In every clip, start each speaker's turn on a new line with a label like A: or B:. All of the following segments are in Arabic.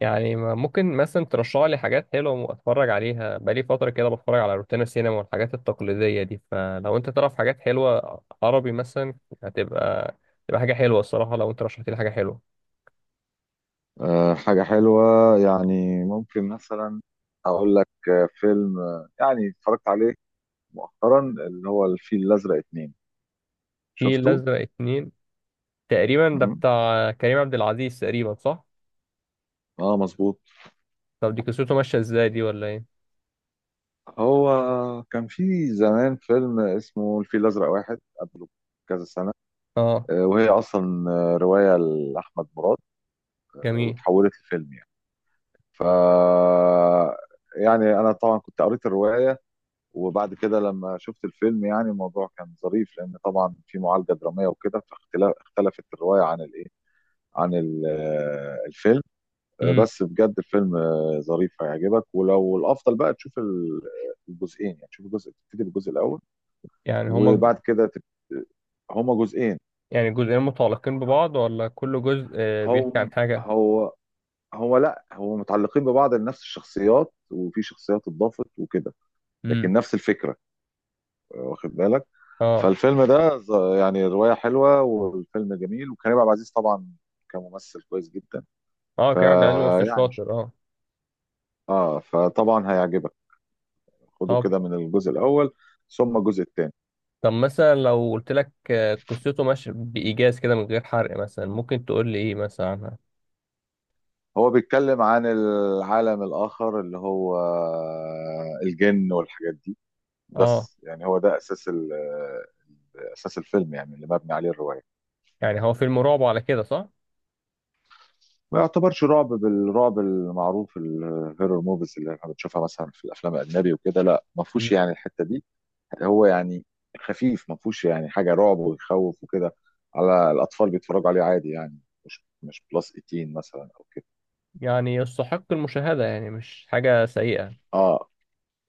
A: يعني ممكن مثلا ترشح لي حاجات حلوة اتفرج عليها بقالي فترة كده، بتفرج على روتانا سينما والحاجات التقليدية دي. فلو انت تعرف حاجات حلوة عربي مثلا هتبقى تبقى حاجة حلوة الصراحة، لو انت رشحت لي حاجة حلوة.
B: آه، حاجة حلوة. يعني ممكن مثلا أقول لك فيلم يعني اتفرجت عليه مؤخرا، اللي هو الفيل الأزرق 2.
A: في
B: شفته؟
A: الأزرق اتنين، تقريبا ده
B: مهم.
A: بتاع كريم عبد العزيز تقريبا، صح؟
B: اه، مظبوط.
A: طب دي قصته ماشية ازاي دي ولا ايه؟
B: هو كان في زمان فيلم اسمه الفيل الأزرق واحد قبله كذا سنة.
A: اه.
B: وهي أصلا رواية لأحمد مراد،
A: جميل.
B: وتحولت لفيلم يعني. ف يعني أنا طبعا كنت قريت الرواية، وبعد كده لما شفت الفيلم يعني الموضوع كان ظريف لان طبعا في معالجه دراميه وكده، اختلفت الروايه عن الايه عن ال- آه، الفيلم.
A: امم.
B: بس بجد الفيلم ظريف هيعجبك، ولو الافضل بقى تشوف الجزئين. يعني تشوف تبتدي بالجزء الاول
A: يعني هما
B: وبعد كده هما جزئين.
A: يعني جزئين متعلقين ببعض، ولا كل جزء آه، بيحكي عن
B: هم
A: حاجة؟
B: هو هو لا، هو متعلقين ببعض لنفس الشخصيات، وفي شخصيات اتضافت وكده. لكن
A: امم.
B: نفس الفكره، واخد بالك؟
A: اه.
B: فالفيلم ده يعني رواية حلوة والفيلم جميل، وكريم عبد العزيز طبعا كممثل كويس جدا.
A: اه كريم عبد العزيز ممثل
B: فيعني
A: شاطر، اه.
B: اه فطبعا هيعجبك. خده
A: طب
B: كده من الجزء الأول ثم الجزء الثاني.
A: طب مثلا لو قلت لك آه، قصته ماشية بإيجاز كده من غير حرق، مثلا ممكن تقول لي إيه مثلا عنها.
B: هو بيتكلم عن العالم الآخر اللي هو الجن والحاجات دي.
A: آه.
B: بس يعني هو ده أساس أساس الفيلم، يعني اللي مبني عليه الرواية.
A: يعني هو فيلم رعب على كده، صح؟
B: ما يعتبرش رعب بالرعب المعروف الهيرور موفيز اللي احنا بنشوفها مثلا في الافلام الاجنبي وكده، لا، ما فيهوش
A: مم.
B: يعني الحته دي. هو يعني خفيف، ما فيهوش يعني حاجه رعب ويخوف وكده، على الاطفال بيتفرجوا عليه عادي يعني. مش بلس 18 مثلا او كده.
A: يعني يستحق المشاهدة، يعني مش حاجة سيئة.
B: اه،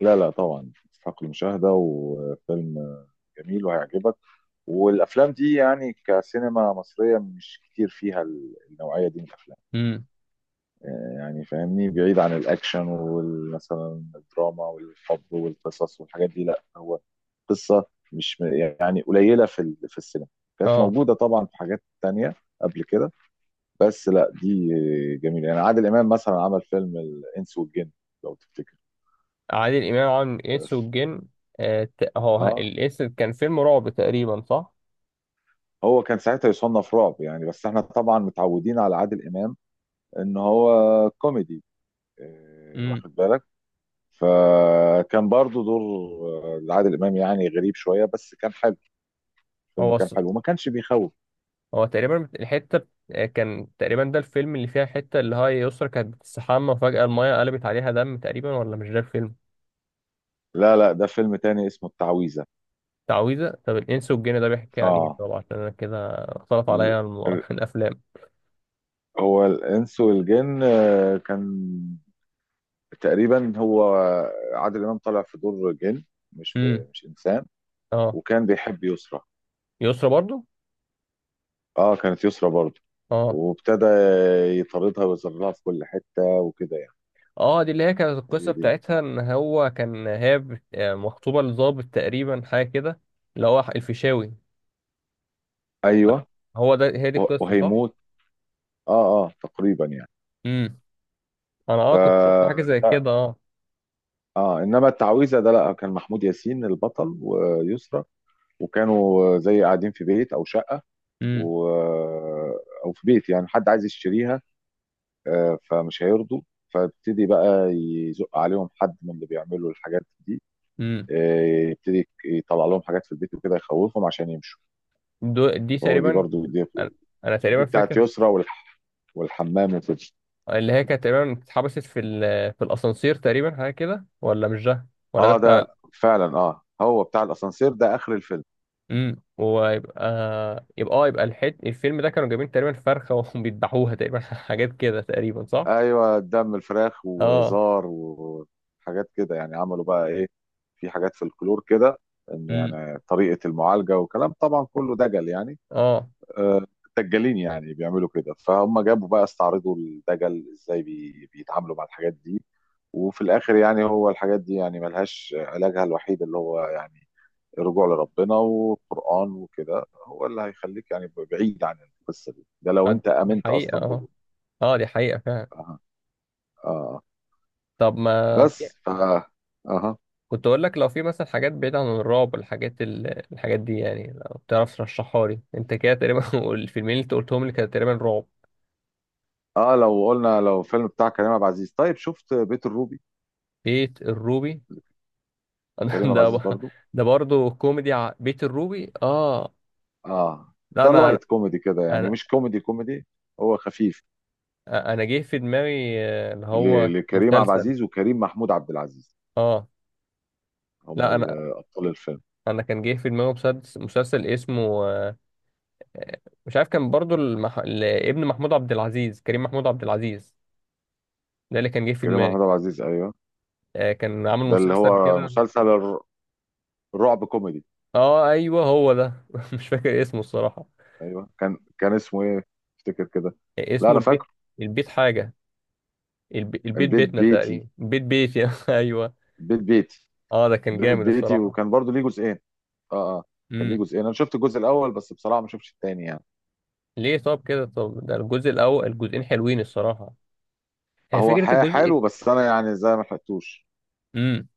B: لا لا، طبعا يستحق المشاهده وفيلم جميل وهيعجبك. والافلام دي يعني كسينما مصريه مش كتير فيها النوعيه دي من الافلام.
A: مم.
B: يعني فاهمني، بعيد عن الاكشن ومثلا الدراما والحب والقصص والحاجات دي. لا هو قصه مش م- يعني قليله في في السينما. كانت
A: آه.
B: موجوده طبعا في حاجات تانية قبل كده، بس لا، دي جميله. يعني عادل امام مثلا عمل فيلم الانس والجن لو تفتكر.
A: عادل إمام عامل الإنس والجن.
B: اه،
A: الإنس كان فيلم رعب تقريبا، صح؟
B: هو كان ساعتها يصنف رعب يعني، بس احنا طبعا متعودين على عادل امام ان هو كوميدي،
A: مم.
B: واخد بالك. فكان برضو دور لعادل امام يعني غريب شويه بس كان حلو. الفيلم
A: هو
B: كان
A: ص-
B: حلو وما كانش بيخوف.
A: هو تقريبا الحتة بت- آه، كان تقريبا ده الفيلم اللي فيها حتة اللي هي يسرا كانت بتستحمى، وفجأة المية قلبت عليها دم تقريبا، ولا مش ده الفيلم؟
B: لا لا، ده فيلم تاني اسمه التعويذه.
A: تعويذة. طب الإنس والجن ده بيحكي عن إيه
B: اه،
A: طبعا، عشان أنا كده اختلط
B: ال-
A: عليا
B: ال-
A: الأفلام.
B: هو الانس والجن كان تقريبا هو عادل امام طالع في دور جن،
A: امم.
B: مش انسان.
A: اه.
B: وكان بيحب يسرى.
A: يسرا برضو.
B: اه، كانت يسرى برضو.
A: اه.
B: وابتدى يطاردها ويزرها في كل حته وكده يعني.
A: اه دي اللي هي كانت
B: هي
A: القصة
B: دي.
A: بتاعتها، إن هو كان هي بت- آه، مخطوبة لظابط تقريبا حاجة كده. اللي هو الفيشاوي.
B: ايوه.
A: هو ده هي دي القصة، صح؟
B: وهيموت. اه اه تقريبا يعني.
A: امم. أنا
B: ف
A: اه كنت شفت حاجة زي كده، اه.
B: اه انما التعويذه ده لا، كان محمود ياسين البطل ويسرى. وكانوا زي قاعدين في بيت او شقه،
A: امم.
B: و... آه، او في بيت يعني حد عايز يشتريها، فمش هيرضوا. فابتدي بقى يزق عليهم حد من اللي بيعملوا الحاجات دي،
A: امم.
B: آه، يبتدي يطلع لهم حاجات في البيت وكده يخوفهم عشان يمشوا.
A: دي
B: هو دي
A: تقريبا.
B: برضو
A: أنا أنا تقريبا
B: دي بتاعت
A: فاكر
B: يسرى والحمام وكده.
A: اللي هي كانت تقريبا اتحبست في الأسانسير تقريبا حاجة كده، ولا مش ده؟ ولا ده.
B: اه، ده فعلا. اه، هو بتاع الاسانسير ده اخر الفيلم.
A: امم. ويبقى يبقى اه يبقى الفيلم ده كانوا جايبين تقريبا فرخه وبيذبحوها تقريبا حاجات كده تقريبا، صح؟
B: ايوه، دم الفراخ
A: اه.
B: وزار وحاجات كده يعني، عملوا بقى ايه، في حاجات في الكلور كده، ان
A: امم.
B: يعني طريقه المعالجه وكلام طبعا كله دجل يعني.
A: اه.
B: آه، دجالين يعني بيعملوا كده، فهم جابوا بقى استعرضوا الدجل ازاي بيتعاملوا مع الحاجات دي. وفي الاخر يعني هو الحاجات دي يعني ملهاش علاجها الوحيد اللي هو يعني الرجوع لربنا والقرآن وكده، هو اللي هيخليك يعني بعيد عن القصة دي، ده لو
A: آه،
B: انت
A: دي
B: آمنت
A: حقيقه،
B: اصلا
A: اه.
B: بوجود.
A: اه دي حقيقه فعلا.
B: اه اه.
A: طب ما في-
B: بس اها.
A: كنت اقول لك لو في مثلا حاجات بعيده عن الرعب، الحاجات الحاجات دي يعني، لو تعرف ترشحها لي انت كده تقريبا والفيلمين اللي انت قلتهم لي كانوا تقريبا رعب.
B: اه، لو فيلم بتاع كريم عبد العزيز، طيب شفت بيت الروبي؟
A: بيت الروبي.
B: كريم عبد العزيز
A: ده
B: برضو.
A: ده برضه كوميدي، بيت الروبي اه.
B: اه،
A: لا
B: ده
A: انا.
B: لايت كوميدي كده يعني،
A: انا
B: مش كوميدي كوميدي. هو خفيف.
A: انا جه في دماغي آه، اللي هو
B: لكريم عبد
A: مسلسل،
B: العزيز وكريم محمود عبد العزيز
A: اه.
B: هم
A: لا انا.
B: ابطال الفيلم.
A: انا كان جه في دماغي مسلسل, اسمه آه، مش عارف، كان برضو ابن محمود عبد العزيز، كريم محمود عبد العزيز، ده اللي كان جه في
B: كريم
A: دماغي.
B: محمود عبد العزيز ايوه.
A: آه، كان عامل
B: ده اللي
A: مسلسل
B: هو
A: كده.
B: مسلسل الرعب كوميدي.
A: اه ايوه هو ده مش فاكر اسمه الصراحة.
B: ايوه، كان اسمه ايه، افتكر كده.
A: آه،
B: لا
A: اسمه
B: انا
A: البيت.
B: فاكره.
A: البيت حاجة. البيت
B: البيت
A: بيتنا
B: بيتي
A: تقريبا، بيت بيت يعني ايوه.
B: بيت بيتي.
A: اه ده كان
B: بيت
A: جامد
B: بيتي،
A: الصراحة.
B: وكان برضو ليه جزئين. اه اه، كان ليه
A: امم.
B: جزئين. انا شفت الجزء الاول بس بصراحه ما شفتش التاني يعني.
A: ليه؟ طب كده. طب ده الجزء الاول. الجزئين حلوين الصراحة. آه،
B: هو
A: فكرة الجزء.
B: حلو، بس انا يعني زي ما لحقتوش.
A: امم.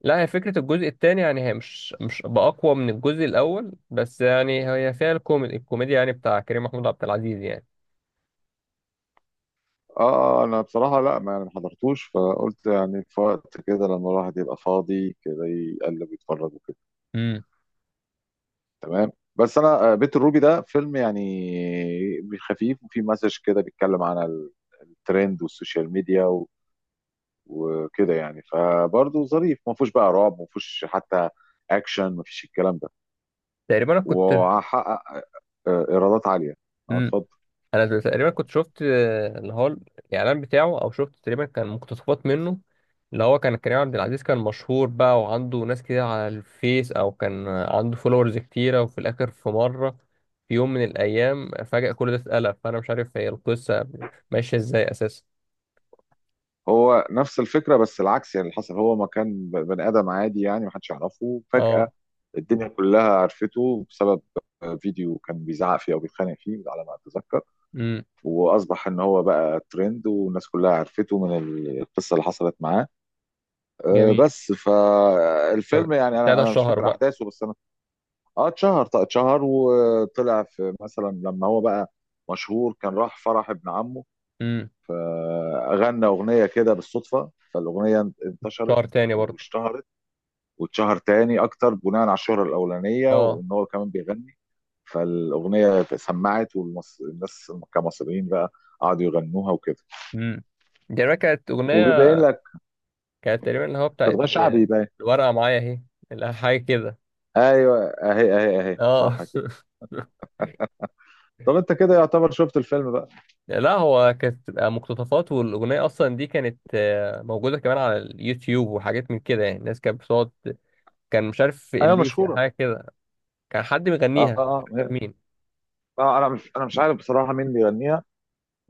A: لا هي فكرة الجزء الثاني يعني، هي مش بأقوى من الجزء الأول، بس يعني هي فيها الكوميدي الكوميديا يعني بتاع كريم محمود عبد العزيز يعني.
B: اه، انا بصراحه، لا، ما يعني ما حضرتوش، فقلت يعني في وقت كده لما الواحد يبقى فاضي كده يقلب يتفرج وكده.
A: امم.
B: تمام. بس انا بيت الروبي ده فيلم يعني خفيف، وفيه مسج كده بيتكلم عن الترند والسوشيال ميديا وكده يعني. فبرضه ظريف، ما فيهوش بقى رعب، ما فيهوش حتى اكشن، ما فيش الكلام ده.
A: تقريبا أنا كنت
B: وهحقق ايرادات عاليه. اه،
A: امم
B: اتفضل.
A: أنا تقريبا كنت شفت آه، اللي هو الإعلان بتاعه، أو شفت تقريبا كان مقتطفات منه. اللي هو كان كريم عبد العزيز كان مشهور بقى، وعنده ناس كتير على الفيس، أو كان عنده فولورز كتيرة، وفي الآخر في مرة، في يوم من الأيام فجأة كل ده اتقلب. فأنا مش عارف هي القصة ماشية إزاي أساسا.
B: هو نفس الفكره بس العكس، يعني اللي حصل هو ما كان بني ادم عادي يعني ما حدش يعرفه. فجاه
A: أه.
B: الدنيا كلها عرفته بسبب فيديو كان بيزعق فيه او بيتخانق فيه على ما اتذكر.
A: امم.
B: واصبح ان هو بقى ترند، والناس كلها عرفته من القصه اللي حصلت معاه.
A: جميل.
B: بس فالفيلم يعني انا
A: ساعتها
B: انا مش
A: الشهر
B: فاكر
A: بقى.
B: احداثه، بس انا. اه، اتشهر. طيب اتشهر وطلع في، مثلا لما هو بقى مشهور كان راح فرح ابن عمه،
A: امم.
B: غنى اغنيه كده بالصدفه، فالاغنيه انتشرت
A: شهر تاني برضه.
B: واشتهرت، واتشهر تاني اكتر بناء على الشهره الاولانيه،
A: اه.
B: وان هو كمان بيغني. فالاغنيه سمعت والناس كمصريين بقى قعدوا يغنوها وكده.
A: امم. دي بقى كانت
B: وبيبين
A: اغنيه.
B: لك
A: كانت تقريبا اللي هو بتاعت
B: تبقى
A: آه،
B: شعبي يبين.
A: الورقه معايا اهي. لا، حاجه كده.
B: ايوه، اهي اهي اهي،
A: اه.
B: صح كده. طب انت كده يعتبر شفت الفيلم بقى.
A: لا هو كانت بتبقى مقتطفات، والاغنيه اصلا دي كانت آه، موجوده كمان على اليوتيوب وحاجات من كده يعني. الناس كانت بتقعد، كان مش عارف
B: ايوه
A: الليسي أو
B: مشهوره.
A: حاجه كده. كان حد
B: اه
A: بيغنيها مش
B: اه.
A: فاكر
B: آه.
A: مين.
B: انا مش عارف بصراحه مين بيغنيها.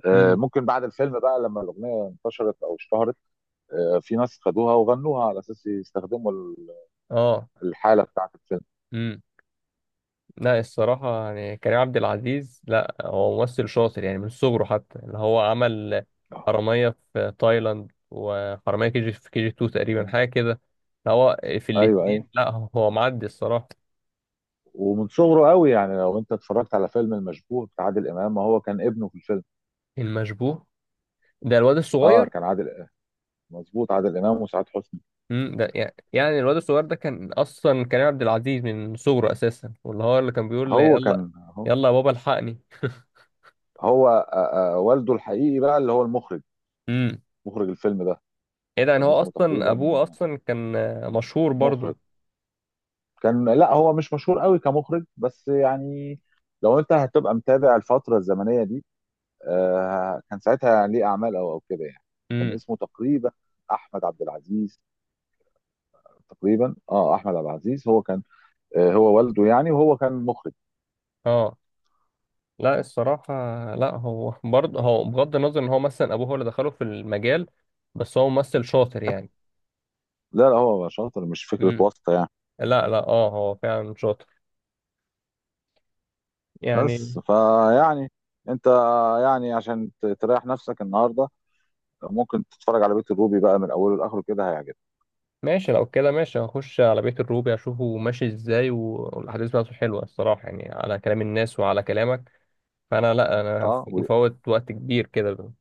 A: امم.
B: ممكن بعد الفيلم بقى لما الاغنيه انتشرت او اشتهرت، في ناس خدوها وغنوها على اساس يستخدموا
A: اه.
B: الحاله بتاعت الفيلم.
A: لا الصراحة يعني كريم عبد العزيز، لا هو ممثل شاطر يعني من صغره، حتى اللي هو عمل
B: آه.
A: حرامية في تايلاند وحرامية كي جي في كي جي 2 تقريبا
B: مم.
A: حاجة كده. لا، هو في
B: ايوه ايوه.
A: الاتنين لا هو معدي الصراحة.
B: ومن صغره قوي، يعني لو انت اتفرجت على فيلم المشبوه بتاع عادل امام ما هو كان ابنه في الفيلم.
A: المشبوه. ده الواد
B: اه،
A: الصغير.
B: كان عادل، مظبوط، عادل امام وسعاد حسني.
A: مم، ده يعني يعني الواد الصغير ده كان أصلا كريم عبد العزيز من صغره أساسا، واللي هو اللي كان بيقول
B: هو
A: يلا
B: كان هو,
A: يلا يا بابا الحقني.
B: هو والده الحقيقي بقى اللي هو المخرج،
A: امم.
B: مخرج الفيلم ده.
A: ايه ده، يعني
B: كان
A: هو
B: اسمه
A: أصلا
B: تقريبا
A: أبوه أصلا كان آه، مشهور
B: مخرج،
A: برضه.
B: كان لا هو مش مشهور قوي كمخرج، بس يعني لو انت هتبقى متابع الفتره الزمنيه دي، كان ساعتها ليه اعمال او كده يعني. كان
A: امم.
B: اسمه تقريبا احمد عبد العزيز، تقريبا. اه، احمد عبد العزيز هو كان، هو والده يعني وهو كان مخرج.
A: اه. لا الصراحة، لا هو برضه هو بغض النظر ان هو مثلا ابوه هو اللي دخله في المجال، بس هو ممثل شاطر يعني.
B: لا لا، هو شاطر مش فكره
A: امم.
B: واسطه يعني.
A: لا لا اه هو فعلا شاطر يعني.
B: بس فيعني انت يعني عشان تريح نفسك النهارده، ممكن تتفرج على بيت الروبي بقى من اوله لاخره، كده هيعجبك.
A: ماشي. لو كده ماشي، هخش على بيت الروبي اشوفه ماشي ازاي، والاحداث بتاعته حلوة الصراحة يعني، على كلام الناس وعلى كلامك. فانا لا انا
B: اه، وليه؟
A: مفوت وقت كبير كده.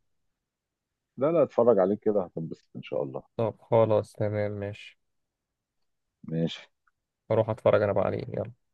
B: لا لا، اتفرج عليه كده هتنبسط ان شاء الله.
A: طب خلاص تمام ماشي.
B: ماشي.
A: اروح اتفرج انا بقى عليه يلا.